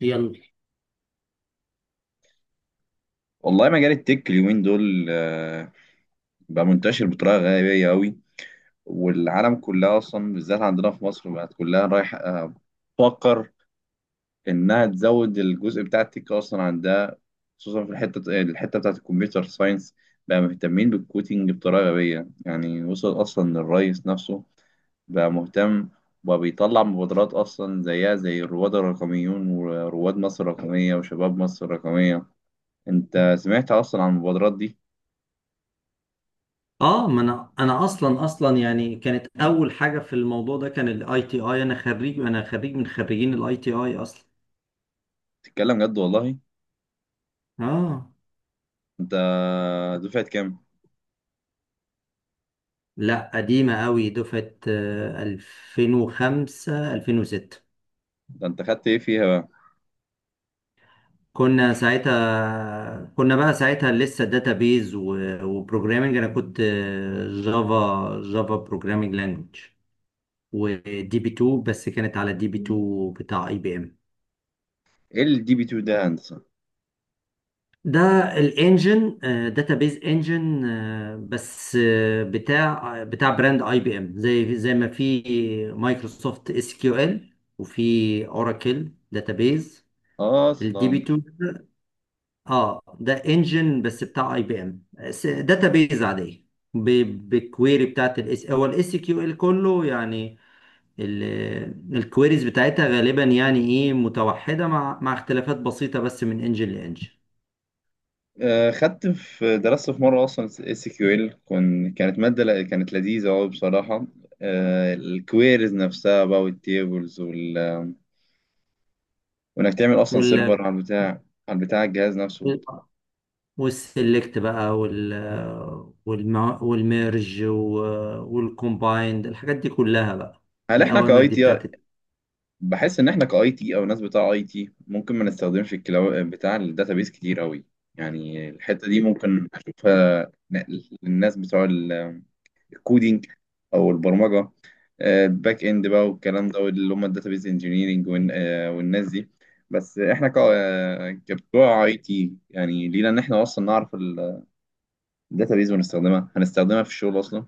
يلا. والله مجال التك اليومين دول بقى منتشر بطريقة غبية أوي. والعالم كلها أصلا بالذات عندنا في مصر بقت كلها رايح تفكر إنها تزود الجزء بتاع التك أصلا عندها، خصوصا في الحتة الحتة بتاعة الكمبيوتر ساينس. بقى مهتمين بالكوتينج بطريقة غبية، يعني وصل أصلا للرئيس نفسه، بقى مهتم وبقى بيطلع مبادرات أصلا زيها زي الرواد الرقميون ورواد مصر الرقمية وشباب مصر الرقمية. أنت سمعت أصلا عن المبادرات دي؟ اه، ما انا اصلا يعني كانت اول حاجه في الموضوع ده كان الاي تي اي. انا خريج من خريجين الاي تي اي اصلا. تتكلم جد والله؟ اه، انت دفعة كام؟ لا قديمه قوي دفعه 2005 2006. ده انت خدت ايه فيها بقى؟ كنا بقى ساعتها لسه داتابيز وبروجرامنج. انا كنت جافا بروجرامنج لانجوج ودي بي 2. بس كانت على دي بي 2 بتاع اي بي ام. ايه الدي بي 2 ده يا هندسة؟ ده الانجن، داتابيز انجن، بس بتاع بتاع براند اي بي ام، زي ما في مايكروسوفت اس كيو ال، وفي اوراكل داتابيز. الدي بي اصلا 2، اه، ده انجن بس بتاع اي بي ام، داتابيز عاديه، بالكويري بتاعت الاس كيو ال كله يعني. الكويريز بتاعتها غالبا يعني ايه متوحده مع اختلافات بسيطه، بس من انجن خدت درست في مرة اصلا اس كيو ال. كانت مادة كانت لذيذة قوي بصراحة. الكويريز نفسها بقى والتيبلز وال... وانك تعمل اصلا لانجن. سيرفر على البتاع، على الجهاز نفسه. والسلكت بقى، والم... والميرج، والكومبايند، الحاجات دي كلها بقى، هل احنا الأوامر كاي دي تي، بتاعت. بحس ان احنا كاي تي او ناس بتاع اي تي ممكن ما نستخدمش الكلاو بتاع الداتابيس كتير قوي. يعني الحته دي ممكن اشوفها نقل للناس بتوع الكودينج او البرمجه، الباك اند بقى والكلام ده اللي هم الداتابيس انجينيرنج والناس دي. بس احنا كبتوع اي تي يعني لينا ان احنا اصلا نعرف الداتابيس ونستخدمها، هنستخدمها في الشغل اصلا.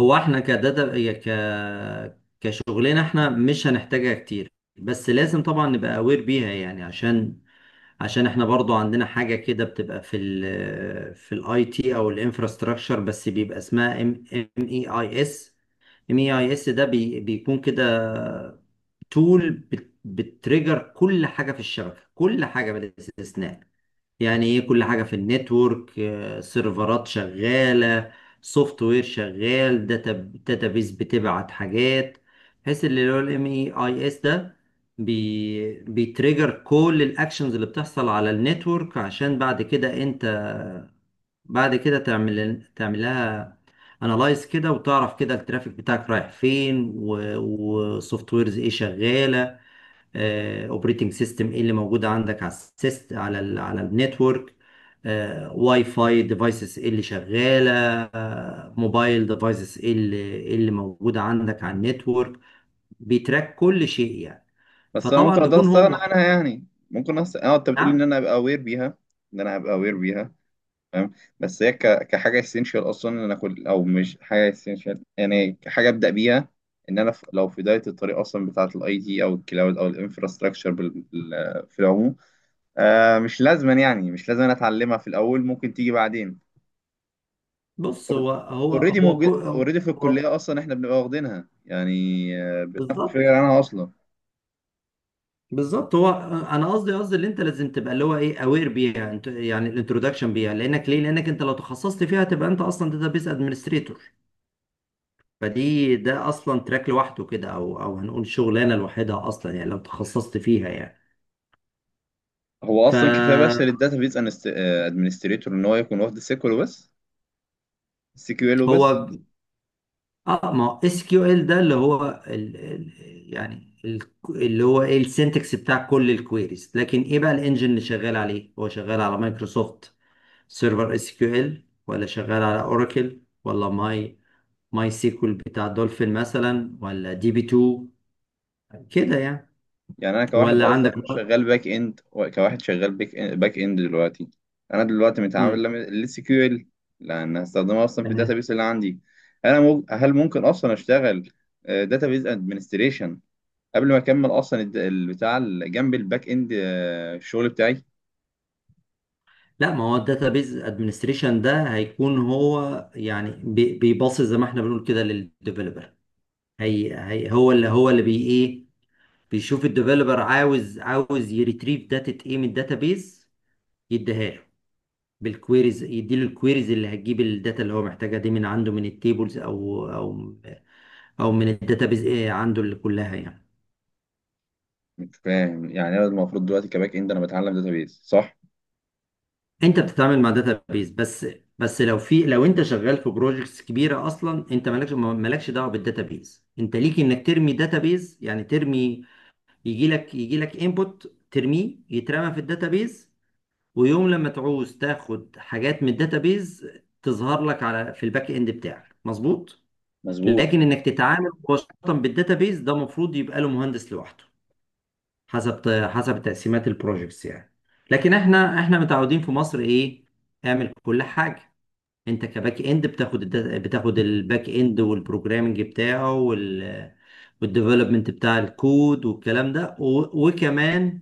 هو احنا كداتا يا ك كشغلنا احنا مش هنحتاجها كتير، بس لازم طبعا نبقى اوير بيها يعني، عشان احنا برضو عندنا حاجة كده بتبقى في ال الاي تي او الانفراستراكشر، بس بيبقى اسمها ام اي اي اس. ام اي اي اس ده بيكون كده تول، بتريجر كل حاجه في الشبكه، كل حاجه بلا استثناء. يعني ايه؟ كل حاجه في النتورك، سيرفرات شغاله، سوفت وير شغال، داتابيز بتبعت حاجات، بحيث اللي هو الام اي اي اس ده بيتريجر كل الاكشنز اللي بتحصل على النتورك، عشان بعد كده انت بعد كده تعمل لها انالايز كده، وتعرف كده الترافيك بتاعك رايح فين، والسوفت ويرز ايه شغاله، اوبريتنج سيستم ايه اللي موجود عندك على السيست على ال على النتورك، واي فاي ديفايسز ايه اللي شغاله، موبايل ديفايسز ايه اللي إيه اللي موجوده عندك على النتورك. بيتراك كل شيء يعني. بس انا فطبعا ممكن اقدر بيكون استغنى عنها يعني؟ ممكن اه انت بتقول ان نعم. انا ابقى اوير بيها، ان انا ابقى اوير بيها. فاهم. بس هي كحاجه اسينشال اصلا ان انا اكل، او مش حاجه اسينشال يعني كحاجه ابدا بيها، ان انا لو في بدايه الطريق اصلا بتاعه الاي تي او الكلاود او الانفراستراكشر في العموم. آه مش لازما، يعني مش لازم أنا اتعلمها في الاول، ممكن تيجي بعدين. بص، اوريدي موجود، اوريدي في هو الكليه اصلا احنا بنبقى واخدينها يعني. بناخد بالظبط. فكره عنها اصلا. بالظبط. هو انا قصدي اللي انت لازم تبقى اللي هو ايه اوير بيها يعني الانترودكشن بيها، لانك ليه؟ انت لو تخصصت فيها تبقى انت اصلا داتابيس ادمنستريتور. ده اصلا تراك لوحده كده، او هنقول شغلانه لوحدها اصلا يعني لو تخصصت فيها يعني. هو اصلا كفايه بس فهو، للداتابيز ادمنستريتور ان هو يكون واخد السيكول وبس، السي كيو ال وبس. اه، ما هو اس كيو ال ده اللي هو ال اللي هو ايه السنتكس بتاع كل الكويريز. لكن ايه بقى الانجن اللي شغال عليه؟ هو شغال على مايكروسوفت سيرفر اس كيو ال، ولا شغال على اوراكل، ولا ماي سيكول بتاع دولفين مثلا، ولا دي بي 2، كده يعني. يعني انا كواحد ولا اصلا عندك. شغال باك اند، باك إند دلوقتي، انا دلوقتي متعامل ال سي كيو ال لان هستخدمها اصلا في مم. الداتابيس اللي عندي. هل ممكن اصلا اشتغل داتابيس ادمنستريشن قبل ما اكمل اصلا جنب الباك اند، الشغل بتاعي؟ لا، ما هو الداتابيز ادمنستريشن ده هيكون هو يعني، بيباصي زي ما احنا بنقول كده للديفلوبر. هي هي هو اللي هو اللي بي ايه بيشوف الديفلوبر عاوز يريتريف داتا ايه من الداتابيز، يديها له بالكويريز، يديله الكويريز اللي هتجيب الداتا اللي هو محتاجها دي من عنده، من التيبلز، او من الداتابيز ايه عنده اللي كلها يعني. مش فاهم، يعني انا المفروض دلوقتي كباك اند انا بتعلم داتابيس، صح؟ انت بتتعامل مع داتا بيز بس. بس لو لو انت شغال في بروجكتس كبيره اصلا، انت مالكش دعوه بالداتا بيز. انت ليك انك ترمي داتا بيز، يعني يجي لك انبوت ترميه يترمى في الداتا بيز، ويوم لما تعوز تاخد حاجات من الداتا بيز تظهر لك في الباك اند بتاعك، مظبوط. مظبوط. لكن انك تتعامل مباشره بالداتا بيز ده المفروض يبقى له مهندس لوحده، حسب حسب تقسيمات البروجكتس يعني. لكن احنا متعودين في مصر ايه؟ اعمل كل حاجه. انت كباك اند بتاخد الباك اند والبروجرامنج بتاعه، والديفلوبمنت بتاع الكود والكلام ده، وكمان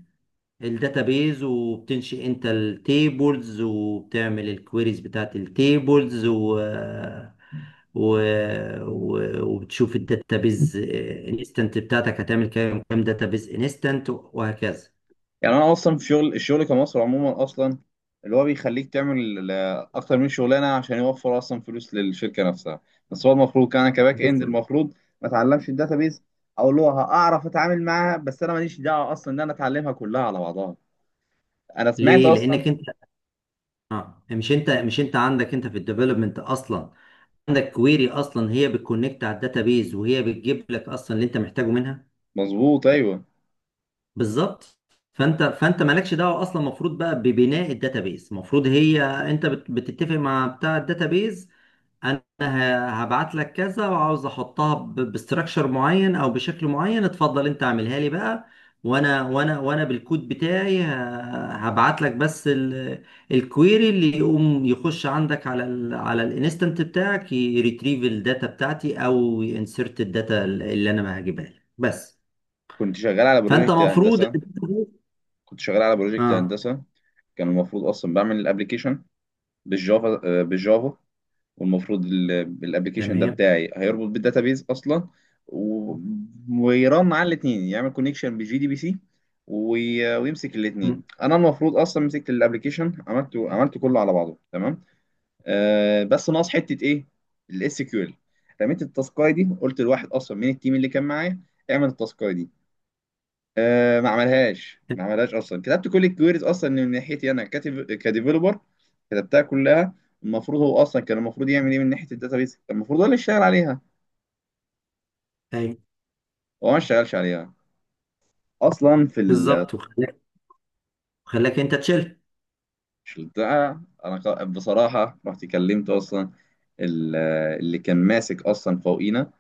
الداتابيز، وبتنشئ انت التيبلز، وبتعمل الكويريز بتاعت التيبلز، و... وبتشوف الداتابيز انستنت بتاعتك هتعمل كام، داتابيز انستنت وهكذا. يعني انا اصلا في شغل، الشغل كمصر عموما اصلا اللي هو بيخليك تعمل اكتر من شغلانه عشان يوفر اصلا فلوس للشركه نفسها. بس هو المفروض، كان انا كباك اند بالظبط. المفروض ما اتعلمش الداتابيز، او اللي هو هعرف اتعامل معاها بس، انا ماليش دعوه اصلا ان انا اتعلمها كلها على بعضها. انا سمعت ليه؟ اصلا. لانك انت، اه، مش انت عندك انت في الديفلوبمنت اصلا عندك كويري اصلا هي بتكونكت على الداتابيز، وهي بتجيب لك اصلا اللي انت محتاجه منها. مظبوط، ايوه. بالظبط. فانت مالكش دعوه اصلا. المفروض بقى ببناء الداتابيز، المفروض هي انت بتتفق مع بتاع الداتابيز، انا هبعت لك كذا، وعاوز احطها باستراكشر معين او بشكل معين، اتفضل انت اعملها لي بقى. وانا بالكود بتاعي هبعت لك بس الكويري اللي يقوم يخش عندك على الانستنت بتاعك، يريتريف الداتا بتاعتي او ينسرت الداتا اللي انا ما هجيبها لك بس. كنت شغال على فانت بروجكت مفروض، هندسه. كنت شغال على بروجكت اه، هندسه كان المفروض اصلا بعمل الابلكيشن بالجافا، والمفروض الابلكيشن ده تمام. بتاعي هيربط بالداتابيز اصلا و- ويرن على الاثنين، يعمل كونكشن بجي دي بي سي وي- ويمسك مم. الاثنين. انا المفروض اصلا مسكت الابلكيشن، عملته، عملته كله على بعضه تمام. آه بس ناقص حته ايه؟ الاس كيو ال. رميت التاسكاي دي، قلت لواحد اصلا من التيم اللي كان معايا اعمل التاسكاي دي. آه ما عملهاش ما عملهاش اصلا. كتبت كل الكويريز اصلا من ناحيتي انا، كاتب كديفلوبر، كتبتها كلها. المفروض هو اصلا، كان المفروض يعمل ايه من ناحيه الداتابيز، كان المفروض هو اللي يشتغل عليها. ايوه، هو ما اشتغلش عليها اصلا. بالظبط. وخلاك انت تشيل. في البتاع انا بصراحه رحت كلمت اصلا ال- اللي كان ماسك اصلا فوقينا.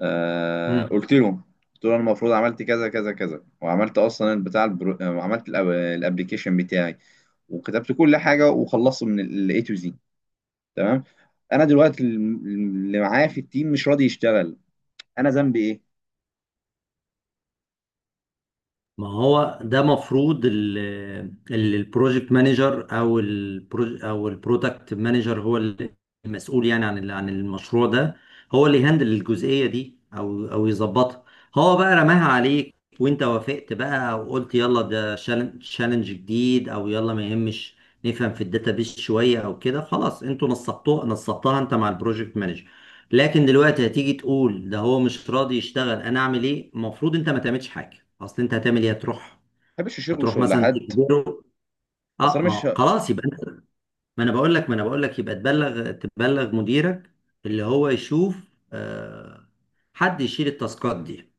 آه مم. قلت له، قلت له انا المفروض عملت كذا كذا كذا، وعملت اصلا وعملت الابلكيشن بتاعي وكتبت كل حاجه وخلصت من الاي تو زي تمام. انا دلوقتي اللي معايا في التيم مش راضي يشتغل، انا ذنبي ايه؟ ما هو ده مفروض البروجكت مانجر، او البرودكت مانجر، هو اللي المسؤول يعني عن عن المشروع ده. هو اللي يهندل الجزئيه دي، او يظبطها. هو بقى رماها عليك وانت وافقت بقى، وقلت يلا ده تشالنج جديد، او يلا ما يهمش، نفهم في الداتابيس شويه او كده، خلاص انتوا نصبتها انت مع البروجكت مانجر. لكن دلوقتي هتيجي تقول ده هو مش راضي يشتغل، انا اعمل ايه؟ المفروض انت ما تعملش حاجه اصل. انت هتعمل ايه؟ هتروح، ما بحبش شغل مثلا حد تجبره؟ اه، اصلا، ما مش. هو خلاص يبقى انت، ما انا بقول لك يبقى تبلغ، مديرك، اللي هو يشوف، آه حد يشيل التاسكات دي.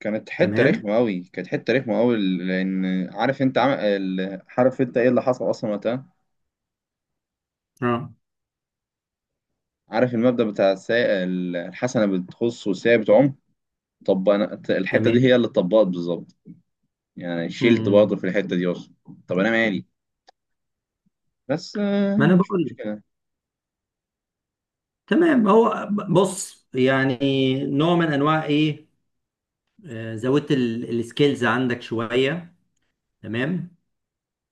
كانت حته تمام. رخمه قوي، كانت حته رخمه قوي لان، عارف انت عارف انت ايه اللي حصل اصلا وقتها؟ اه، عارف المبدأ بتاع الحسنه بتخص والسيئه بتعم؟ طب انا الحته دي تمام. هي اللي اتطبقت بالظبط، يعني شلت مم. برضه في الحته دي اصلا. طب انا مالي؟ بس ما انا مش بقول لك. مشكله. تمام، هو، بص يعني نوع من انواع ايه، زودت السكيلز عندك شويه، تمام.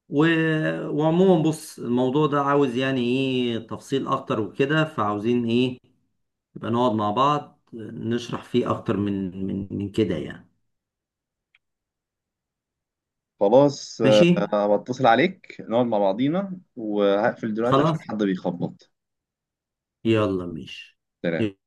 وعموما بص الموضوع ده عاوز يعني ايه تفصيل اكتر وكده، فعاوزين ايه؟ يبقى نقعد مع بعض نشرح فيه اكتر من كده يعني. خلاص ماشي. انا بتصل عليك نقعد مع بعضينا، وهقفل دلوقتي عشان خلاص. حد بيخبط. يلا، ماشي. سلام.